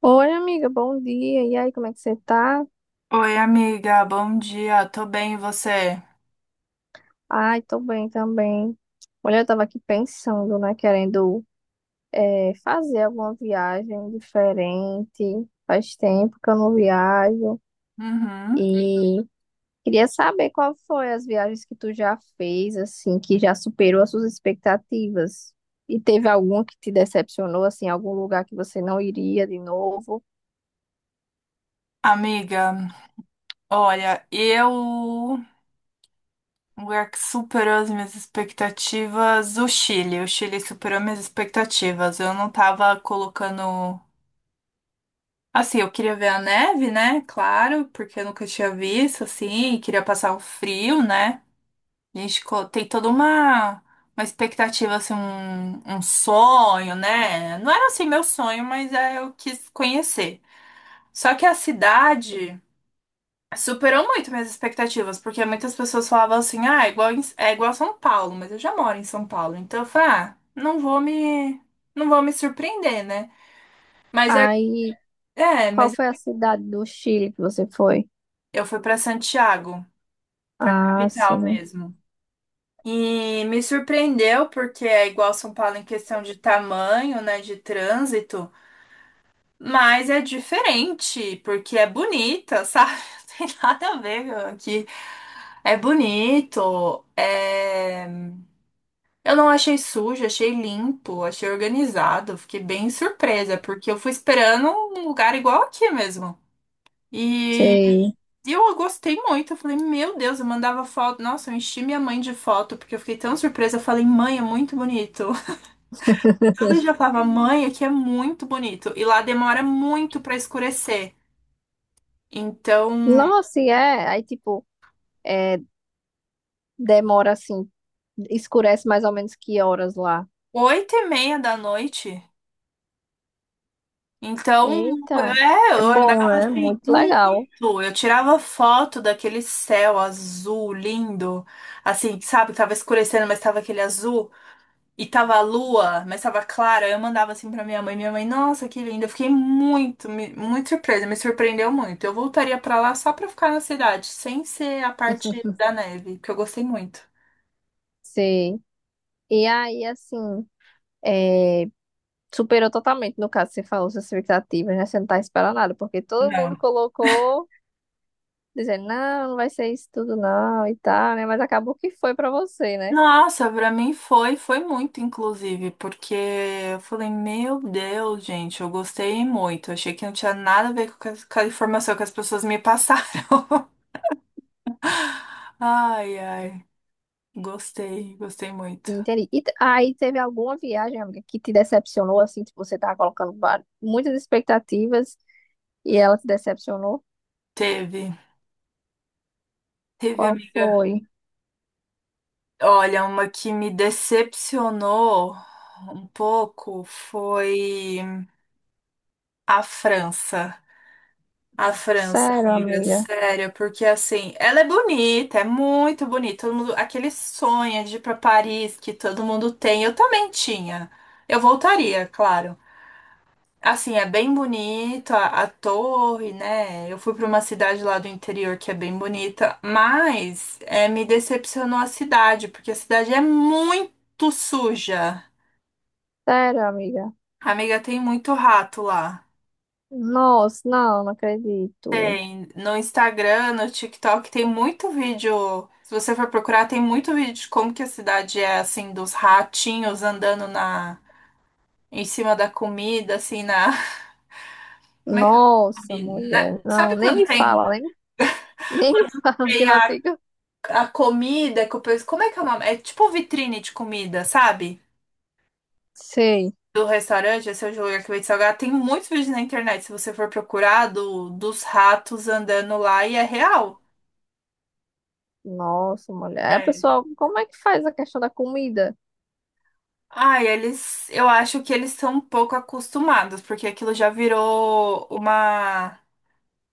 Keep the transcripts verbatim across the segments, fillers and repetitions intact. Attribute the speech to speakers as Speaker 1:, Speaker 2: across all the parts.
Speaker 1: Oi, amiga, bom dia. E aí, como é que você tá?
Speaker 2: Oi, amiga, bom dia. Tô bem, e você?
Speaker 1: Ai, tô bem também. Olha, eu tava aqui pensando, né, querendo eh, fazer alguma viagem diferente. Faz tempo que eu não viajo
Speaker 2: Uhum.
Speaker 1: e queria saber qual foi as viagens que tu já fez, assim, que já superou as suas expectativas. E teve alguma que te decepcionou, assim, algum lugar que você não iria de novo?
Speaker 2: Amiga, olha, eu o lugar que superou as minhas expectativas, o Chile. O Chile superou minhas expectativas. Eu não tava colocando. Assim, eu queria ver a neve, né? Claro, porque eu nunca tinha visto, assim, e queria passar o frio, né? A gente co- tem toda uma, uma expectativa, assim, um, um sonho, né? Não era assim meu sonho, mas é, eu quis conhecer. Só que a cidade superou muito minhas expectativas, porque muitas pessoas falavam assim, ah, é igual, em- é igual a São Paulo, mas eu já moro em São Paulo, então eu falei, ah, não vou me, não vou me surpreender, né? Mas eu,
Speaker 1: Aí,
Speaker 2: é,
Speaker 1: qual
Speaker 2: mas
Speaker 1: foi a cidade do Chile que você foi?
Speaker 2: eu fui pra Santiago, pra
Speaker 1: Ah, sim,
Speaker 2: capital
Speaker 1: né?
Speaker 2: mesmo. E me surpreendeu porque é igual a São Paulo em questão de tamanho, né, de trânsito, mas é diferente, porque é bonita, sabe? Não tem nada a ver aqui. É bonito, é... Eu não achei sujo, achei limpo, achei organizado, fiquei bem surpresa, porque eu fui esperando um lugar igual aqui mesmo. E
Speaker 1: Sei.
Speaker 2: eu gostei muito, eu falei, meu Deus, eu mandava foto, nossa, eu enchi minha mãe de foto, porque eu fiquei tão surpresa, eu falei, mãe, é muito bonito. Todo dia eu falava, mãe, aqui é muito bonito, e lá demora muito pra escurecer. Então,
Speaker 1: Nossa, e é. Aí, tipo, é, demora assim, escurece mais ou menos que horas lá?
Speaker 2: oito e meia da noite. Então,
Speaker 1: Eita,
Speaker 2: é,
Speaker 1: é
Speaker 2: eu
Speaker 1: bom,
Speaker 2: andava
Speaker 1: né?
Speaker 2: assim
Speaker 1: Muito
Speaker 2: muito.
Speaker 1: legal.
Speaker 2: Eu tirava foto daquele céu azul lindo, assim, sabe, que tava escurecendo, mas tava aquele azul, e tava a lua, mas tava clara. Eu mandava assim pra minha mãe, minha mãe, nossa, que linda. Eu fiquei muito, me- muito surpresa, me surpreendeu muito. Eu voltaria pra lá só pra ficar na cidade, sem ser a parte da neve, que eu gostei muito.
Speaker 1: Sim. E aí, assim, é, superou totalmente, no caso, você falou, suas expectativas, né? Você não tá esperando nada, porque todo mundo
Speaker 2: Não.
Speaker 1: colocou, dizendo, não, não vai ser isso tudo, não, e tal, né? Mas acabou que foi pra você, né?
Speaker 2: Nossa, pra mim foi, foi muito, inclusive, porque eu falei, meu Deus, gente, eu gostei muito. Achei que não tinha nada a ver com a, com a informação que as pessoas me passaram. Ai, ai, gostei, gostei muito.
Speaker 1: Entendi. E te- aí teve alguma viagem, amiga, que te decepcionou, assim, tipo, você tava colocando va- muitas expectativas? E ela te decepcionou?
Speaker 2: Teve, teve,
Speaker 1: Qual
Speaker 2: amiga.
Speaker 1: foi?
Speaker 2: Olha, uma que me decepcionou um pouco foi a França. A França,
Speaker 1: Sério,
Speaker 2: amiga,
Speaker 1: amiga?
Speaker 2: sério, porque assim, ela é bonita, é muito bonita. Todo mundo, aquele sonho de ir pra Paris que todo mundo tem, eu também tinha. Eu voltaria, claro. Assim, é bem bonito a, a torre, né? Eu fui pra uma cidade lá do interior que é bem bonita, mas é, me decepcionou a cidade, porque a cidade é muito suja.
Speaker 1: Sério, amiga?
Speaker 2: Amiga, tem muito rato lá.
Speaker 1: Nossa, não, não acredito.
Speaker 2: Tem no Instagram, no TikTok, tem muito vídeo. Se você for procurar, tem muito vídeo de como que a cidade é assim, dos ratinhos andando na em cima da comida, assim, na. Como é que é?
Speaker 1: Nossa,
Speaker 2: O Na-
Speaker 1: mulher, não,
Speaker 2: Sabe
Speaker 1: nem
Speaker 2: quando
Speaker 1: me
Speaker 2: tem,
Speaker 1: fala, nem, nem me fala que
Speaker 2: tem
Speaker 1: ela
Speaker 2: a,
Speaker 1: fica.
Speaker 2: a comida que o pessoal. Como é que é o nome? É tipo vitrine de comida, sabe?
Speaker 1: Sei.
Speaker 2: Do restaurante, esse é o lugar que vende salgado. Tem muitos vídeos na internet, se você for procurar, do, dos ratos andando lá e é real.
Speaker 1: Nossa, mulher. É,
Speaker 2: É.
Speaker 1: pessoal, como é que faz a questão da comida?
Speaker 2: Ai, eles, eu acho que eles são um pouco acostumados, porque aquilo já virou uma,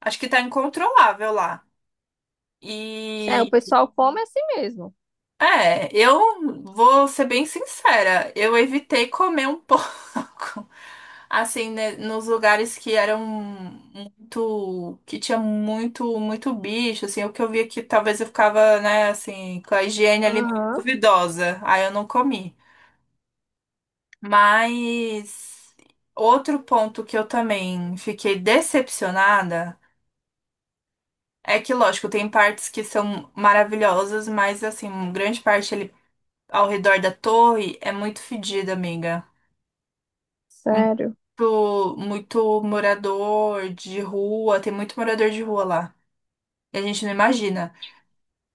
Speaker 2: acho que tá incontrolável lá.
Speaker 1: É, o
Speaker 2: E
Speaker 1: pessoal come assim mesmo.
Speaker 2: é, eu vou ser bem sincera, eu evitei comer um pouco, assim, né, nos lugares que eram muito, que tinha muito, muito bicho, assim, o que eu via que talvez eu ficava, né, assim, com a higiene ali meio
Speaker 1: Aham,
Speaker 2: duvidosa. Aí eu não comi. Mas outro ponto que eu também fiquei decepcionada é que, lógico, tem partes que são maravilhosas, mas assim, grande parte ali ao redor da torre é muito fedida, amiga.
Speaker 1: sério.
Speaker 2: Muito, muito morador de rua, tem muito morador de rua lá. E a gente não imagina.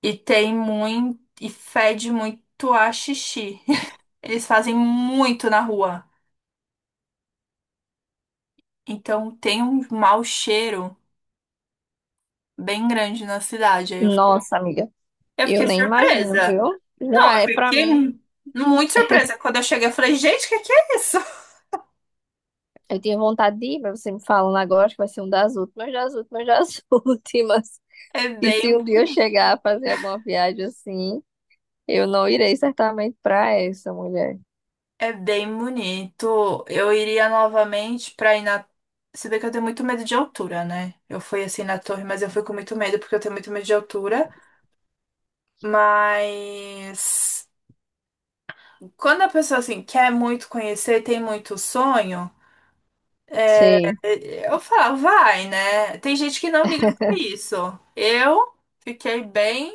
Speaker 2: E tem muito, e fede muito a xixi. Eles fazem muito na rua. Então tem um mau cheiro bem grande na cidade. Aí eu
Speaker 1: Nossa, amiga,
Speaker 2: Eu
Speaker 1: eu
Speaker 2: fiquei
Speaker 1: nem imagino,
Speaker 2: surpresa.
Speaker 1: viu?
Speaker 2: Não,
Speaker 1: Já
Speaker 2: eu
Speaker 1: é pra
Speaker 2: fiquei
Speaker 1: mim.
Speaker 2: mu- muito surpresa. Quando eu cheguei, eu falei, gente, o que que é isso?
Speaker 1: Eu tinha vontade de ir, mas você me falando agora, acho que vai ser um das últimas, das últimas, das últimas.
Speaker 2: É
Speaker 1: E se
Speaker 2: bem
Speaker 1: um dia eu
Speaker 2: bonito.
Speaker 1: chegar a fazer alguma viagem assim, eu não irei certamente para essa mulher.
Speaker 2: É bem bonito. Eu iria novamente pra ir na. Se bem que eu tenho muito medo de altura, né? Eu fui assim na torre, mas eu fui com muito medo porque eu tenho muito medo de altura. Mas quando a pessoa assim quer muito conhecer, tem muito sonho.
Speaker 1: Sim.
Speaker 2: Eu falo, vai, né? Tem gente que não liga pra isso. Eu fiquei bem.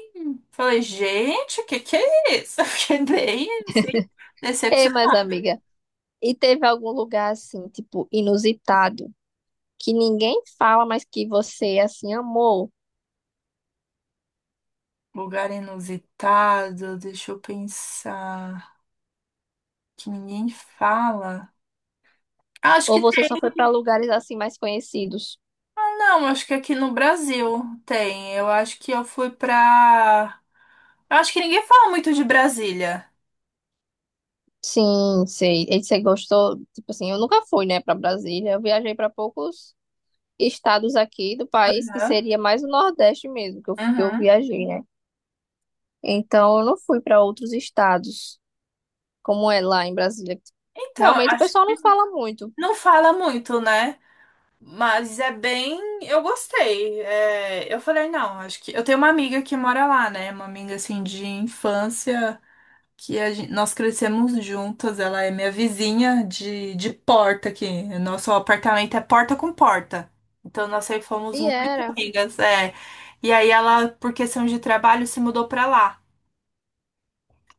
Speaker 2: Falei, gente, o que que é isso? Eu fiquei bem assim,
Speaker 1: Ei, mas
Speaker 2: decepcionada.
Speaker 1: amiga, e teve algum lugar assim, tipo, inusitado, que ninguém fala, mas que você assim amou?
Speaker 2: Lugar inusitado, deixa eu pensar. Que ninguém fala. Acho
Speaker 1: Ou
Speaker 2: que
Speaker 1: você só foi para lugares assim mais conhecidos?
Speaker 2: não, não, acho que aqui no Brasil tem. Eu acho que eu fui pra. Eu acho que ninguém fala muito de Brasília.
Speaker 1: Sim, sei. E você gostou? Tipo assim, eu nunca fui, né, para Brasília. Eu viajei para poucos estados aqui do país, que
Speaker 2: Né?
Speaker 1: seria mais o Nordeste mesmo, que eu, que eu
Speaker 2: Uhum.
Speaker 1: viajei, né? Então, eu não fui para outros estados. Como é lá em Brasília?
Speaker 2: Então, eu
Speaker 1: Realmente o
Speaker 2: acho
Speaker 1: pessoal não
Speaker 2: que
Speaker 1: fala muito.
Speaker 2: não fala muito, né? Mas é bem. Eu gostei. É, eu falei, não, acho que. Eu tenho uma amiga que mora lá, né? Uma amiga assim de infância, que a gen- nós crescemos juntas. Ela é minha vizinha de, de porta aqui. Nosso apartamento é porta com porta. Então nós sempre fomos
Speaker 1: E
Speaker 2: muito
Speaker 1: era.
Speaker 2: amigas. É. E aí ela, por questão de trabalho, se mudou pra lá.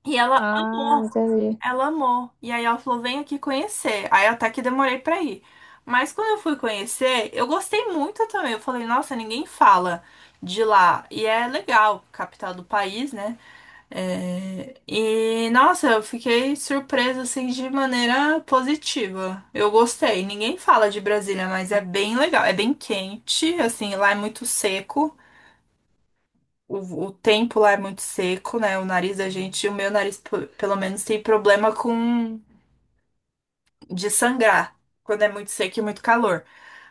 Speaker 2: E ela
Speaker 1: Ah,
Speaker 2: amou
Speaker 1: entendi.
Speaker 2: Ela amou. E aí ela falou: vem aqui conhecer. Aí até que demorei pra ir. Mas quando eu fui conhecer, eu gostei muito também. Eu falei: nossa, ninguém fala de lá. E é legal, capital do país, né? É, e nossa, eu fiquei surpresa assim de maneira positiva. Eu gostei. Ninguém fala de Brasília, mas é bem legal. É bem quente, assim, lá é muito seco. O, o tempo lá é muito seco, né? O nariz da gente, o meu nariz, p- pelo menos, tem problema com de sangrar quando é muito seco e muito calor.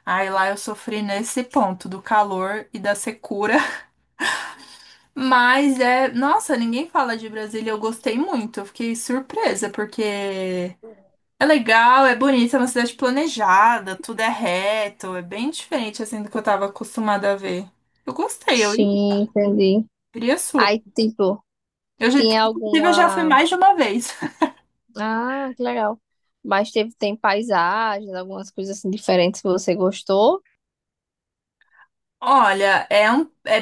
Speaker 2: Aí lá eu sofri nesse ponto do calor e da secura. Mas é, nossa, ninguém fala de Brasília. Eu gostei muito, eu fiquei surpresa porque é legal, é bonita, é uma cidade planejada, tudo é reto, é bem diferente assim do que eu tava acostumada a ver. Eu gostei, eu
Speaker 1: Sim, entendi.
Speaker 2: iria super.
Speaker 1: Aí, tipo,
Speaker 2: Eu já,
Speaker 1: tinha
Speaker 2: inclusive, eu já fui
Speaker 1: alguma.
Speaker 2: mais de uma vez.
Speaker 1: Ah, que legal. Mas teve, tem paisagens, algumas coisas assim diferentes que você gostou.
Speaker 2: Olha, é um, é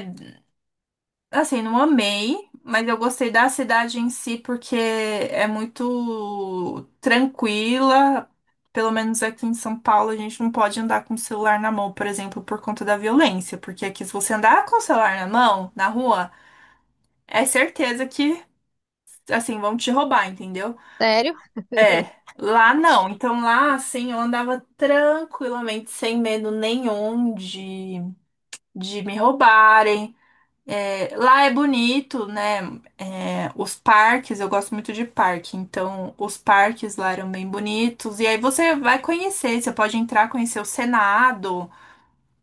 Speaker 2: assim, não amei, mas eu gostei da cidade em si porque é muito tranquila. Pelo menos aqui em São Paulo, a gente não pode andar com o celular na mão, por exemplo, por conta da violência. Porque aqui, se você andar com o celular na mão, na rua, é certeza que, assim, vão te roubar, entendeu?
Speaker 1: Sério?
Speaker 2: É, lá não. Então lá, assim, eu andava tranquilamente, sem medo nenhum de, de me roubarem. É, lá é bonito, né? É, os parques, eu gosto muito de parque, então os parques lá eram bem bonitos. E aí você vai conhecer, você pode entrar, conhecer o Senado,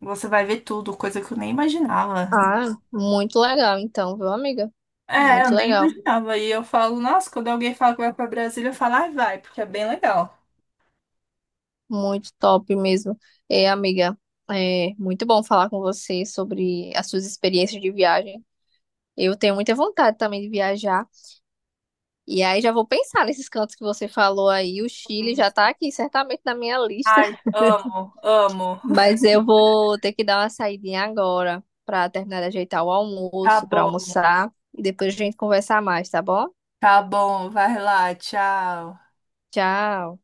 Speaker 2: você vai ver tudo, coisa que eu nem imaginava.
Speaker 1: Ah, muito legal, então, viu, amiga?
Speaker 2: É, eu
Speaker 1: Muito
Speaker 2: nem
Speaker 1: legal.
Speaker 2: imaginava. E eu falo, nossa, quando alguém fala que vai pra Brasília, eu falo, ai, vai, porque é bem legal.
Speaker 1: Muito top mesmo. É, amiga, é muito bom falar com você sobre as suas experiências de viagem. Eu tenho muita vontade também de viajar. E aí já vou pensar nesses cantos que você falou aí. O Chile já tá aqui certamente na minha lista,
Speaker 2: Ai, amo, amo.
Speaker 1: mas eu vou ter que dar uma saidinha agora pra terminar de ajeitar o
Speaker 2: Tá
Speaker 1: almoço, pra
Speaker 2: bom,
Speaker 1: almoçar e depois a gente conversar mais, tá bom?
Speaker 2: tá bom, vai lá, tchau.
Speaker 1: Tchau.